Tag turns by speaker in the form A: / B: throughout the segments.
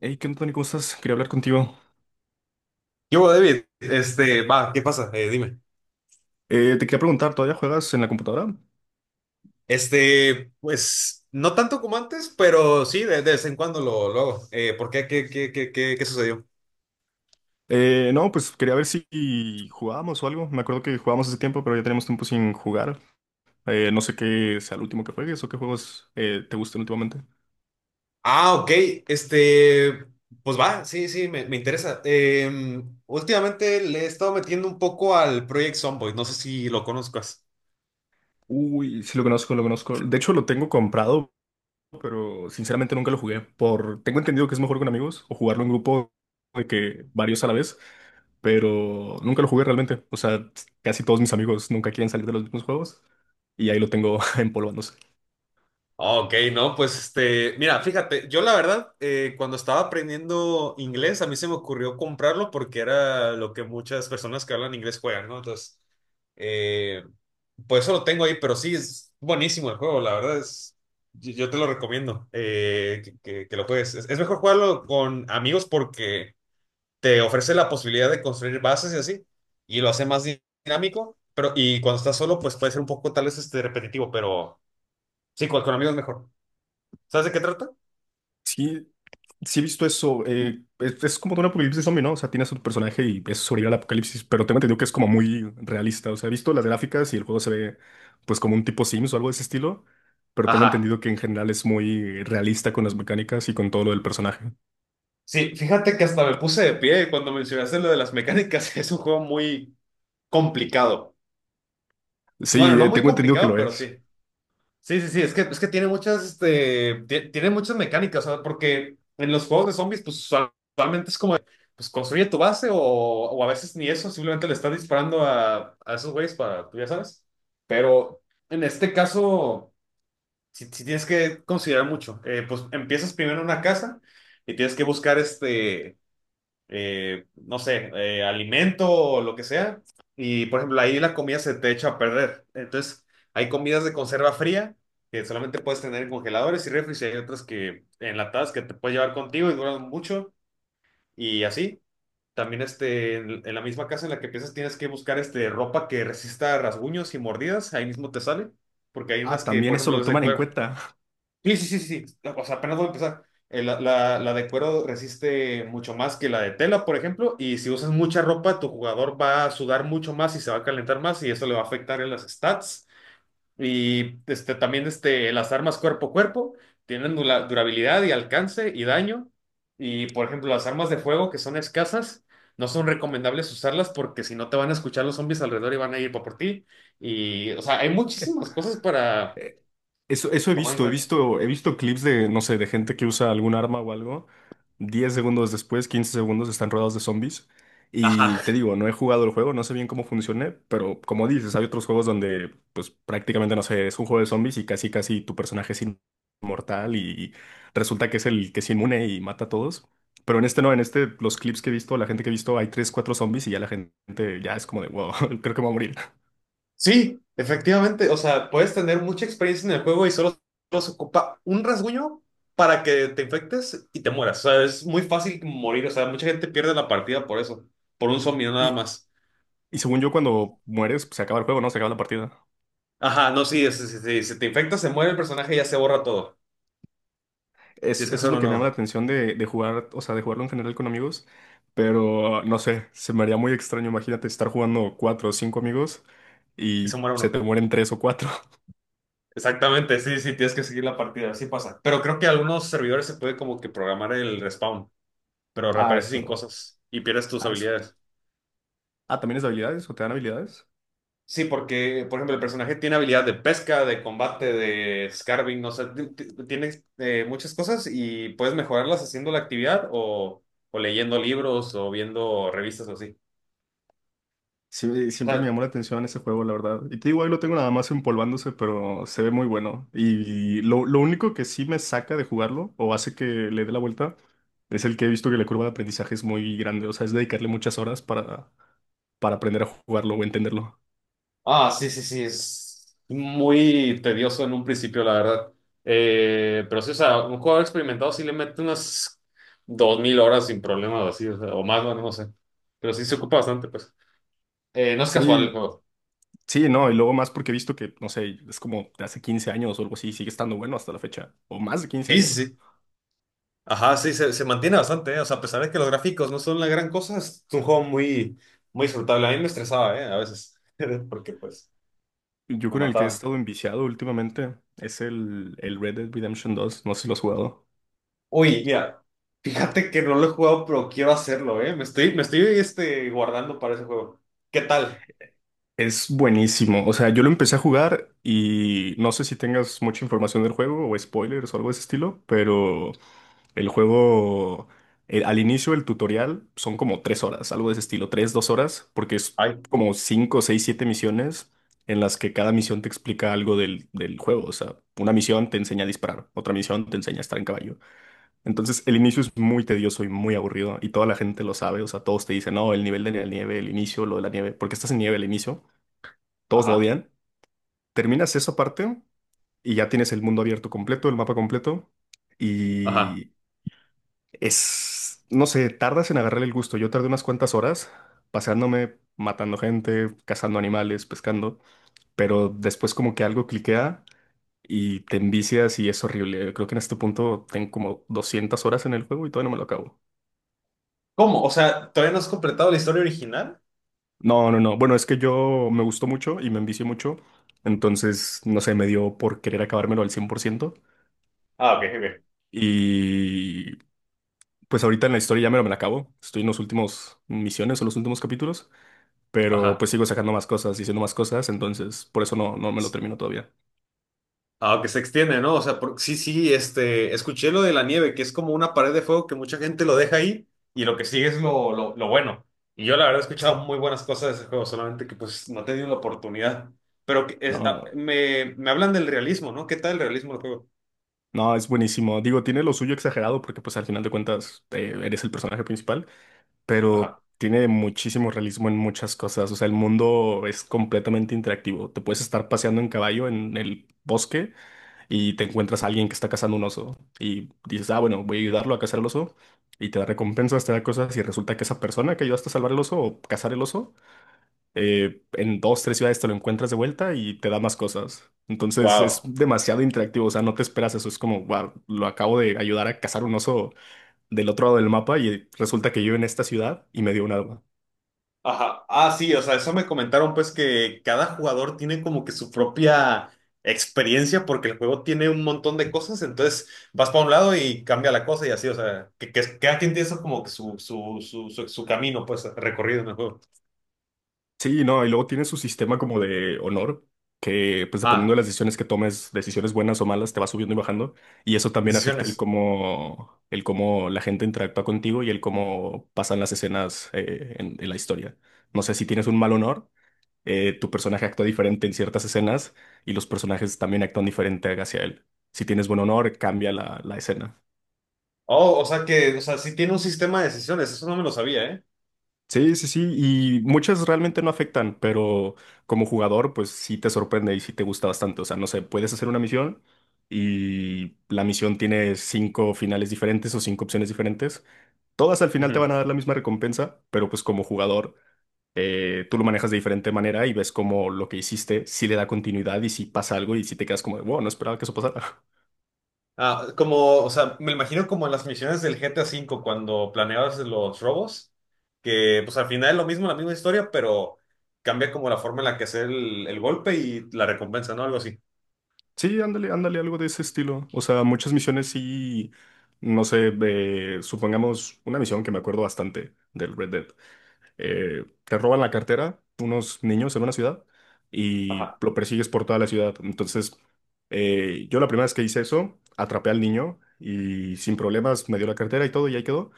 A: Hey, ¿qué onda, Tony? ¿Cómo estás? Quería hablar contigo.
B: Yo, David, va, ¿qué pasa? Dime.
A: Te quería preguntar, ¿todavía juegas en la computadora?
B: Pues, no tanto como antes, pero sí, de vez en cuando lo hago. ¿Por qué? ¿Qué sucedió?
A: No, pues quería ver si jugábamos o algo. Me acuerdo que jugábamos hace tiempo, pero ya tenemos tiempo sin jugar. No sé qué sea el último que juegues o qué juegos te gustan últimamente.
B: Ah, ok, este, pues va, sí, sí, me interesa. Últimamente le he estado metiendo un poco al Project Zomboid, no sé si lo conozcas.
A: Uy, sí lo conozco, lo conozco. De hecho, lo tengo comprado, pero sinceramente nunca lo jugué. Tengo entendido que es mejor con amigos o jugarlo en grupo de que varios a la vez, pero nunca lo jugué realmente. O sea, casi todos mis amigos nunca quieren salir de los mismos juegos y ahí lo tengo empolvándose.
B: Ah, ok, no, pues mira, fíjate, yo la verdad, cuando estaba aprendiendo inglés, a mí se me ocurrió comprarlo porque era lo que muchas personas que hablan inglés juegan, ¿no? Entonces, eh, pues eso lo tengo ahí, pero sí, es buenísimo el juego, la verdad es, yo te lo recomiendo, que lo juegues. Es mejor jugarlo con amigos porque te ofrece la posibilidad de construir bases y así, y lo hace más dinámico, pero y cuando estás solo, pues puede ser un poco tal vez repetitivo, pero sí, con amigos es mejor. ¿Sabes de qué trata?
A: Sí, sí he visto eso. Es como de un apocalipsis zombie, ¿no? O sea, tienes a tu personaje y es sobrevivir al apocalipsis, pero tengo entendido que es como muy realista. O sea, he visto las gráficas y el juego se ve pues como un tipo Sims o algo de ese estilo, pero tengo
B: Ajá.
A: entendido que en general es muy realista con las mecánicas y con todo lo del personaje.
B: Sí, fíjate que hasta me puse de pie cuando mencionaste lo de las mecánicas. Es un juego muy complicado. Bueno,
A: Sí,
B: no muy
A: tengo entendido que
B: complicado,
A: lo
B: pero
A: es.
B: sí. Sí, sí, sí. Es que tiene muchas, tiene muchas mecánicas, o sea, porque en los juegos de zombies, pues usualmente es como, pues construye tu base o a veces ni eso, simplemente le estás disparando a esos güeyes para, tú ya sabes. Pero en este caso, si tienes que considerar mucho. Pues empiezas primero en una casa y tienes que buscar no sé, alimento o lo que sea. Y por ejemplo, ahí la comida se te echa a perder. Entonces, hay comidas de conserva fría que solamente puedes tener en congeladores y refris, y hay otras que enlatadas que te puedes llevar contigo y duran mucho. Y así. También en la misma casa en la que piensas tienes que buscar ropa que resista rasguños y mordidas. Ahí mismo te sale. Porque hay
A: Ah,
B: unas que,
A: también
B: por
A: eso
B: ejemplo,
A: lo
B: las de
A: toman en
B: cuero.
A: cuenta.
B: Sí, sí, sí, sí. Sí. O sea, apenas voy a empezar. La de cuero resiste mucho más que la de tela, por ejemplo, y si usas mucha ropa, tu jugador va a sudar mucho más y se va a calentar más y eso le va a afectar en las stats. Y también las armas cuerpo a cuerpo tienen durabilidad y alcance y daño. Y por ejemplo, las armas de fuego que son escasas, no son recomendables usarlas porque si no te van a escuchar los zombies alrededor y van a ir por ti. Y, o sea, hay muchísimas cosas para
A: Eh, Eso, eso he
B: tomar en
A: visto, he
B: cuenta.
A: visto, he visto clips de, no sé, de gente que usa algún arma o algo. 10 segundos después, 15 segundos, están rodeados de zombies. Y
B: Ajá.
A: te digo, no he jugado el juego, no sé bien cómo funcione, pero como dices, hay otros juegos donde, pues prácticamente, no sé, es un juego de zombies y casi, casi tu personaje es inmortal y resulta que es el que es inmune y mata a todos. Pero en este no, en este, los clips que he visto, la gente que he visto, hay 3 4 zombies y ya la gente ya es como de, wow, creo que me voy a morir.
B: Sí, efectivamente. O sea, puedes tener mucha experiencia en el juego y solo se ocupa un rasguño para que te infectes y te mueras. O sea, es muy fácil morir. O sea, mucha gente pierde la partida por eso. Por un zombie no nada
A: Y,
B: más.
A: Y según yo, cuando mueres, pues, se acaba el juego, ¿no? Se acaba la partida.
B: Ajá, no, sí, sí, sí, sí. Si te infectas, se muere el personaje y ya se borra todo. Tienes
A: Eso
B: que
A: es
B: hacer
A: lo
B: uno
A: que me llama la
B: nuevo.
A: atención de jugar, o sea, de jugarlo en general con amigos. Pero no sé, se me haría muy extraño. Imagínate estar jugando cuatro o cinco amigos
B: Y se
A: y
B: muere
A: se
B: uno.
A: te mueren tres o cuatro.
B: Exactamente, sí, sí, tienes que seguir la partida. Así pasa. Pero creo que algunos servidores se puede como que programar el respawn, pero
A: Ah,
B: reaparece sin
A: eso.
B: cosas y pierdes tus
A: Ah, eso.
B: habilidades.
A: Ah, ¿también es de habilidades o te dan habilidades?
B: Sí, porque, por ejemplo, el personaje tiene habilidad de pesca, de combate, de scarving, no sé, tiene muchas cosas y puedes mejorarlas haciendo la actividad o leyendo libros o viendo revistas o así.
A: Sí,
B: O
A: siempre me
B: sea,
A: llamó la atención ese juego, la verdad. Y te digo, ahí lo tengo nada más empolvándose, pero se ve muy bueno. Y lo único que sí me saca de jugarlo, o hace que le dé la vuelta, es el que he visto que la curva de aprendizaje es muy grande. O sea, es dedicarle muchas horas para aprender a jugarlo o entenderlo.
B: ah, sí, sí, sí, es muy tedioso en un principio, la verdad. Pero sí, o sea, un jugador experimentado sí le mete unas 2,000 horas sin problemas, así, o sea, o más, bueno, no sé. Pero sí se ocupa bastante, pues. No es casual el
A: Sí,
B: juego.
A: sí, no. Y luego más porque he visto que, no sé, es como de hace 15 años o algo así, sigue estando bueno hasta la fecha. O más de 15
B: Sí, sí,
A: años.
B: sí. Ajá, sí, se mantiene bastante, ¿eh? O sea, a pesar de que los gráficos no son la gran cosa, es un juego muy, muy disfrutable. A mí me estresaba, ¿eh? A veces, porque pues
A: Yo
B: me
A: con el que he
B: mataban.
A: estado enviciado últimamente es el Red Dead Redemption 2. No sé si lo has jugado.
B: Uy, mira, fíjate que no lo he jugado, pero quiero hacerlo, ¿eh? Me estoy guardando para ese juego. ¿Qué tal?
A: Es buenísimo. O sea, yo lo empecé a jugar y no sé si tengas mucha información del juego o spoilers o algo de ese estilo, pero el juego, al inicio del tutorial son como 3 horas, algo de ese estilo, tres, 2 horas, porque es
B: Ay.
A: como cinco, seis, siete misiones en las que cada misión te explica algo del juego. O sea, una misión te enseña a disparar, otra misión te enseña a estar en caballo. Entonces, el inicio es muy tedioso y muy aburrido y toda la gente lo sabe. O sea, todos te dicen, no, el nivel de la nieve, el inicio, lo de la nieve, porque estás en nieve al inicio. Todos lo
B: Ajá,
A: odian. Terminas esa parte y ya tienes el mundo abierto completo, el mapa completo.
B: ajá.
A: Y es, no sé, tardas en agarrar el gusto. Yo tardé unas cuantas horas paseándome, matando gente, cazando animales, pescando. Pero después como que algo cliquea y te envicias y es horrible. Creo que en este punto tengo como 200 horas en el juego y todavía no me lo acabo.
B: ¿Cómo? O sea, ¿todavía no has completado la historia original?
A: No, no, no. Bueno, es que yo me gustó mucho y me envicié mucho. Entonces, no sé, me dio por querer acabármelo al 100%.
B: Ah, ok, ok.
A: Y pues ahorita en la historia ya me la acabo. Estoy en los últimos misiones o los últimos capítulos, pero
B: Ajá.
A: pues sigo sacando más cosas, diciendo más cosas, entonces por eso no me lo termino todavía.
B: Aunque se extiende, ¿no? O sea, sí, sí, escuché lo de la nieve, que es como una pared de fuego que mucha gente lo deja ahí y lo que sigue es lo bueno. Y yo la verdad he escuchado muy buenas cosas de ese juego, solamente que pues no he tenido la oportunidad. Pero
A: No,
B: me hablan del realismo, ¿no? ¿Qué tal el realismo del juego?
A: no, es buenísimo. Digo, tiene lo suyo exagerado porque pues al final de cuentas eres el personaje principal, pero
B: Ajá.
A: tiene muchísimo realismo en muchas cosas. O sea, el mundo es completamente interactivo. Te puedes estar paseando en caballo en el bosque y te encuentras a alguien que está cazando un oso y dices, ah, bueno, voy a ayudarlo a cazar el oso y te da recompensas, te da cosas y resulta que esa persona que ayudaste a salvar el oso o cazar el oso, en dos, tres ciudades te lo encuentras de vuelta y te da más cosas. Entonces es
B: Wow.
A: demasiado interactivo, o sea, no te esperas eso, es como, wow, lo acabo de ayudar a cazar un oso del otro lado del mapa y resulta que yo en esta ciudad y me dio un arma.
B: Ajá. Ah, sí, o sea, eso me comentaron pues que cada jugador tiene como que su propia experiencia porque el juego tiene un montón de cosas, entonces vas para un lado y cambia la cosa y así, o sea, que cada quien tiene eso como que su camino pues recorrido en el juego.
A: Sí, no, y luego tiene su sistema como de honor, que pues dependiendo de
B: Ah,
A: las decisiones que tomes, decisiones buenas o malas, te va subiendo y bajando. Y eso también afecta el
B: decisiones.
A: cómo, el cómo la gente interactúa contigo y el cómo pasan las escenas en la historia. No sé si tienes un mal honor, tu personaje actúa diferente en ciertas escenas y los personajes también actúan diferente hacia él. Si tienes buen honor, cambia la escena.
B: Oh, o sea que, o sea, sí tiene un sistema de decisiones, eso no me lo sabía, ¿eh?
A: Sí, sí, sí, y muchas realmente no afectan, pero como jugador, pues sí te sorprende y sí te gusta bastante. O sea, no sé, puedes hacer una misión y la misión tiene cinco finales diferentes o cinco opciones diferentes. Todas al final te van a dar la misma recompensa, pero pues como jugador, tú lo manejas de diferente manera y ves como lo que hiciste sí le da continuidad y si pasa algo y si te quedas como de, wow, no esperaba que eso pasara.
B: Ah, como, o sea, me imagino como en las misiones del GTA V cuando planeabas los robos, que pues al final es lo mismo, la misma historia, pero cambia como la forma en la que hacer el golpe y la recompensa, ¿no? Algo así.
A: Sí, ándale, ándale, algo de ese estilo. O sea, muchas misiones sí, no sé, supongamos una misión que me acuerdo bastante del Red Dead. Te roban la cartera unos niños en una ciudad y
B: Ajá.
A: lo persigues por toda la ciudad. Entonces, yo la primera vez que hice eso, atrapé al niño y sin problemas me dio la cartera y todo y ahí quedó.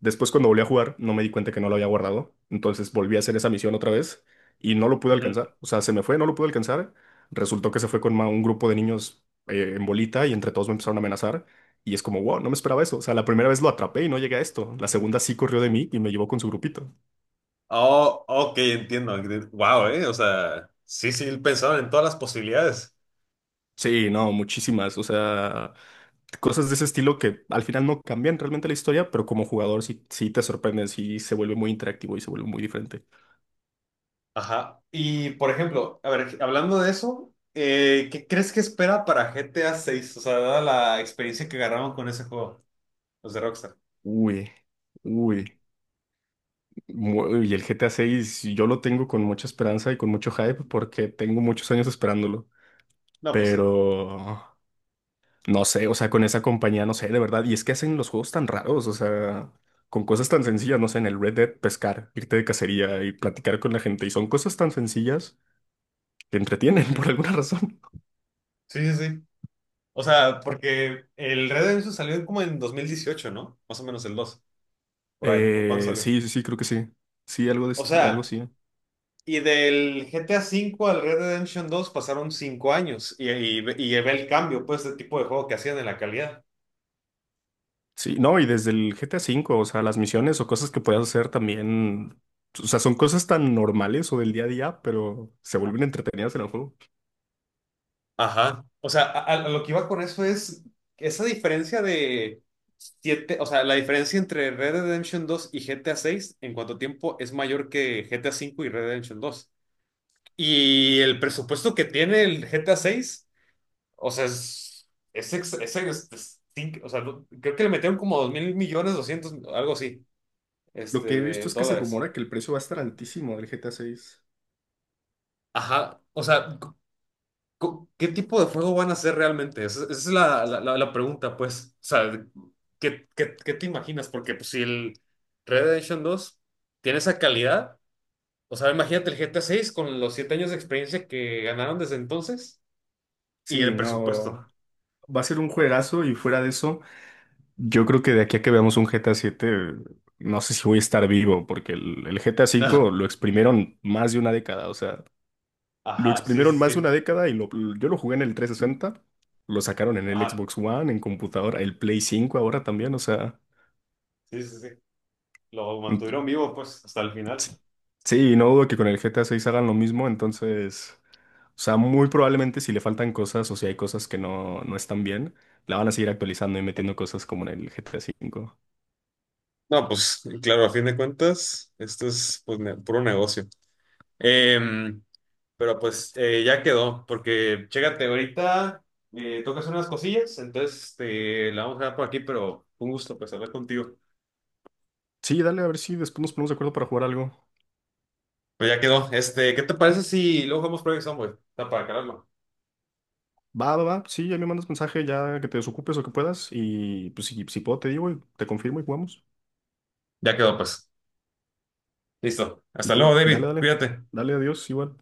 A: Después, cuando volví a jugar, no me di cuenta que no lo había guardado. Entonces volví a hacer esa misión otra vez y no lo pude
B: Ujú.
A: alcanzar. O sea, se me fue, no lo pude alcanzar. Resultó que se fue con un grupo de niños en bolita y entre todos me empezaron a amenazar. Y es como, wow, no me esperaba eso. O sea, la primera vez lo atrapé y no llegué a esto. La segunda sí corrió de mí y me llevó con su grupito.
B: Oh, ok, entiendo. Wow, o sea, sí, sí, pensaron en todas las posibilidades.
A: Sí, no, muchísimas. O sea, cosas de ese estilo que al final no cambian realmente la historia, pero como jugador sí, sí te sorprenden, sí se vuelve muy interactivo y se vuelve muy diferente.
B: Ajá. Y por ejemplo, a ver, hablando de eso, ¿qué crees que espera para GTA seis? O sea, dada la experiencia que agarraron con ese juego, los de Rockstar.
A: Uy, uy. Y el GTA 6 yo lo tengo con mucha esperanza y con mucho hype porque tengo muchos años esperándolo.
B: No, pues sí.
A: Pero no sé, o sea, con esa compañía, no sé, de verdad. Y es que hacen los juegos tan raros, o sea, con cosas tan sencillas, no sé, en el Red Dead pescar, irte de cacería y platicar con la gente. Y son cosas tan sencillas que entretienen por
B: Ujú.
A: alguna razón.
B: Sí, sí, sí. O sea, porque el Red Dead Redemption salió como en 2018, ¿no? Más o menos el 2 por ahí, o cuándo salió.
A: Sí, sí, sí, creo que sí. Sí,
B: O
A: algo
B: sea,
A: sí.
B: y del GTA cinco al Red Dead Redemption 2 pasaron 5 años y ve el cambio, pues, de tipo de juego que hacían en la calidad.
A: Sí, no, y desde el GTA V, o sea, las misiones o cosas que puedas hacer también, o sea, son cosas tan normales o del día a día, pero se vuelven entretenidas en el juego.
B: Ajá. O sea, a lo que iba con eso es esa diferencia de 7, o sea, la diferencia entre Red Dead Redemption 2 y GTA seis en cuanto a tiempo es mayor que GTA cinco y Red Dead Redemption 2. Y el presupuesto que tiene el GTA seis. O sea, sí, o sea, creo que le metieron como 2,000 millones, 200, algo así,
A: Lo que he
B: de
A: visto es que se
B: dólares.
A: rumora que el precio va a estar altísimo del GTA VI.
B: Ajá, o sea, c- ¿qué tipo de juego van a hacer realmente? Esa es la pregunta, pues. O sea, ¿qué te imaginas? Porque pues, si el Red Dead Redemption dos tiene esa calidad, o sea, imagínate el GTA seis con los 7 años de experiencia que ganaron desde entonces y
A: Sí,
B: el presupuesto.
A: no, va a ser un juegazo y fuera de eso, yo creo que de aquí a que veamos un GTA VII, no sé si voy a estar vivo, porque el GTA
B: No.
A: V lo exprimieron más de una década, o sea, lo
B: Ajá, sí,
A: exprimieron
B: sí,
A: más de una
B: sí.
A: década y yo lo jugué en el 360. Lo sacaron en el
B: Ajá,
A: Xbox One, en computadora, el Play 5 ahora también, o sea,
B: sí, sí, sí. Lo
A: mm,
B: mantuvieron vivo, pues, hasta el final.
A: sí, sí, no dudo que con el GTA 6 hagan lo mismo, entonces, o sea, muy probablemente si le faltan cosas o si hay cosas que no están bien, la van a seguir actualizando y metiendo cosas como en el GTA cinco.
B: No, pues claro, a fin de cuentas, esto es pues, puro negocio. Em, pero pues ya quedó, porque chécate, ahorita tocas unas cosillas, entonces la vamos a dejar por aquí, pero un gusto pues hablar contigo.
A: Sí, dale, a ver si después nos ponemos de acuerdo para jugar algo.
B: Pues ya quedó. ¿Qué te parece si luego jugamos Project Zomboid? Está para calarlo.
A: Va, va, va, sí, ya me mandas mensaje, ya que te desocupes o que puedas, y pues si puedo te digo y te confirmo y jugamos.
B: Ya quedó, pues. Listo. Hasta
A: Dale,
B: luego,
A: dale,
B: David.
A: dale,
B: Cuídate.
A: dale, adiós, igual.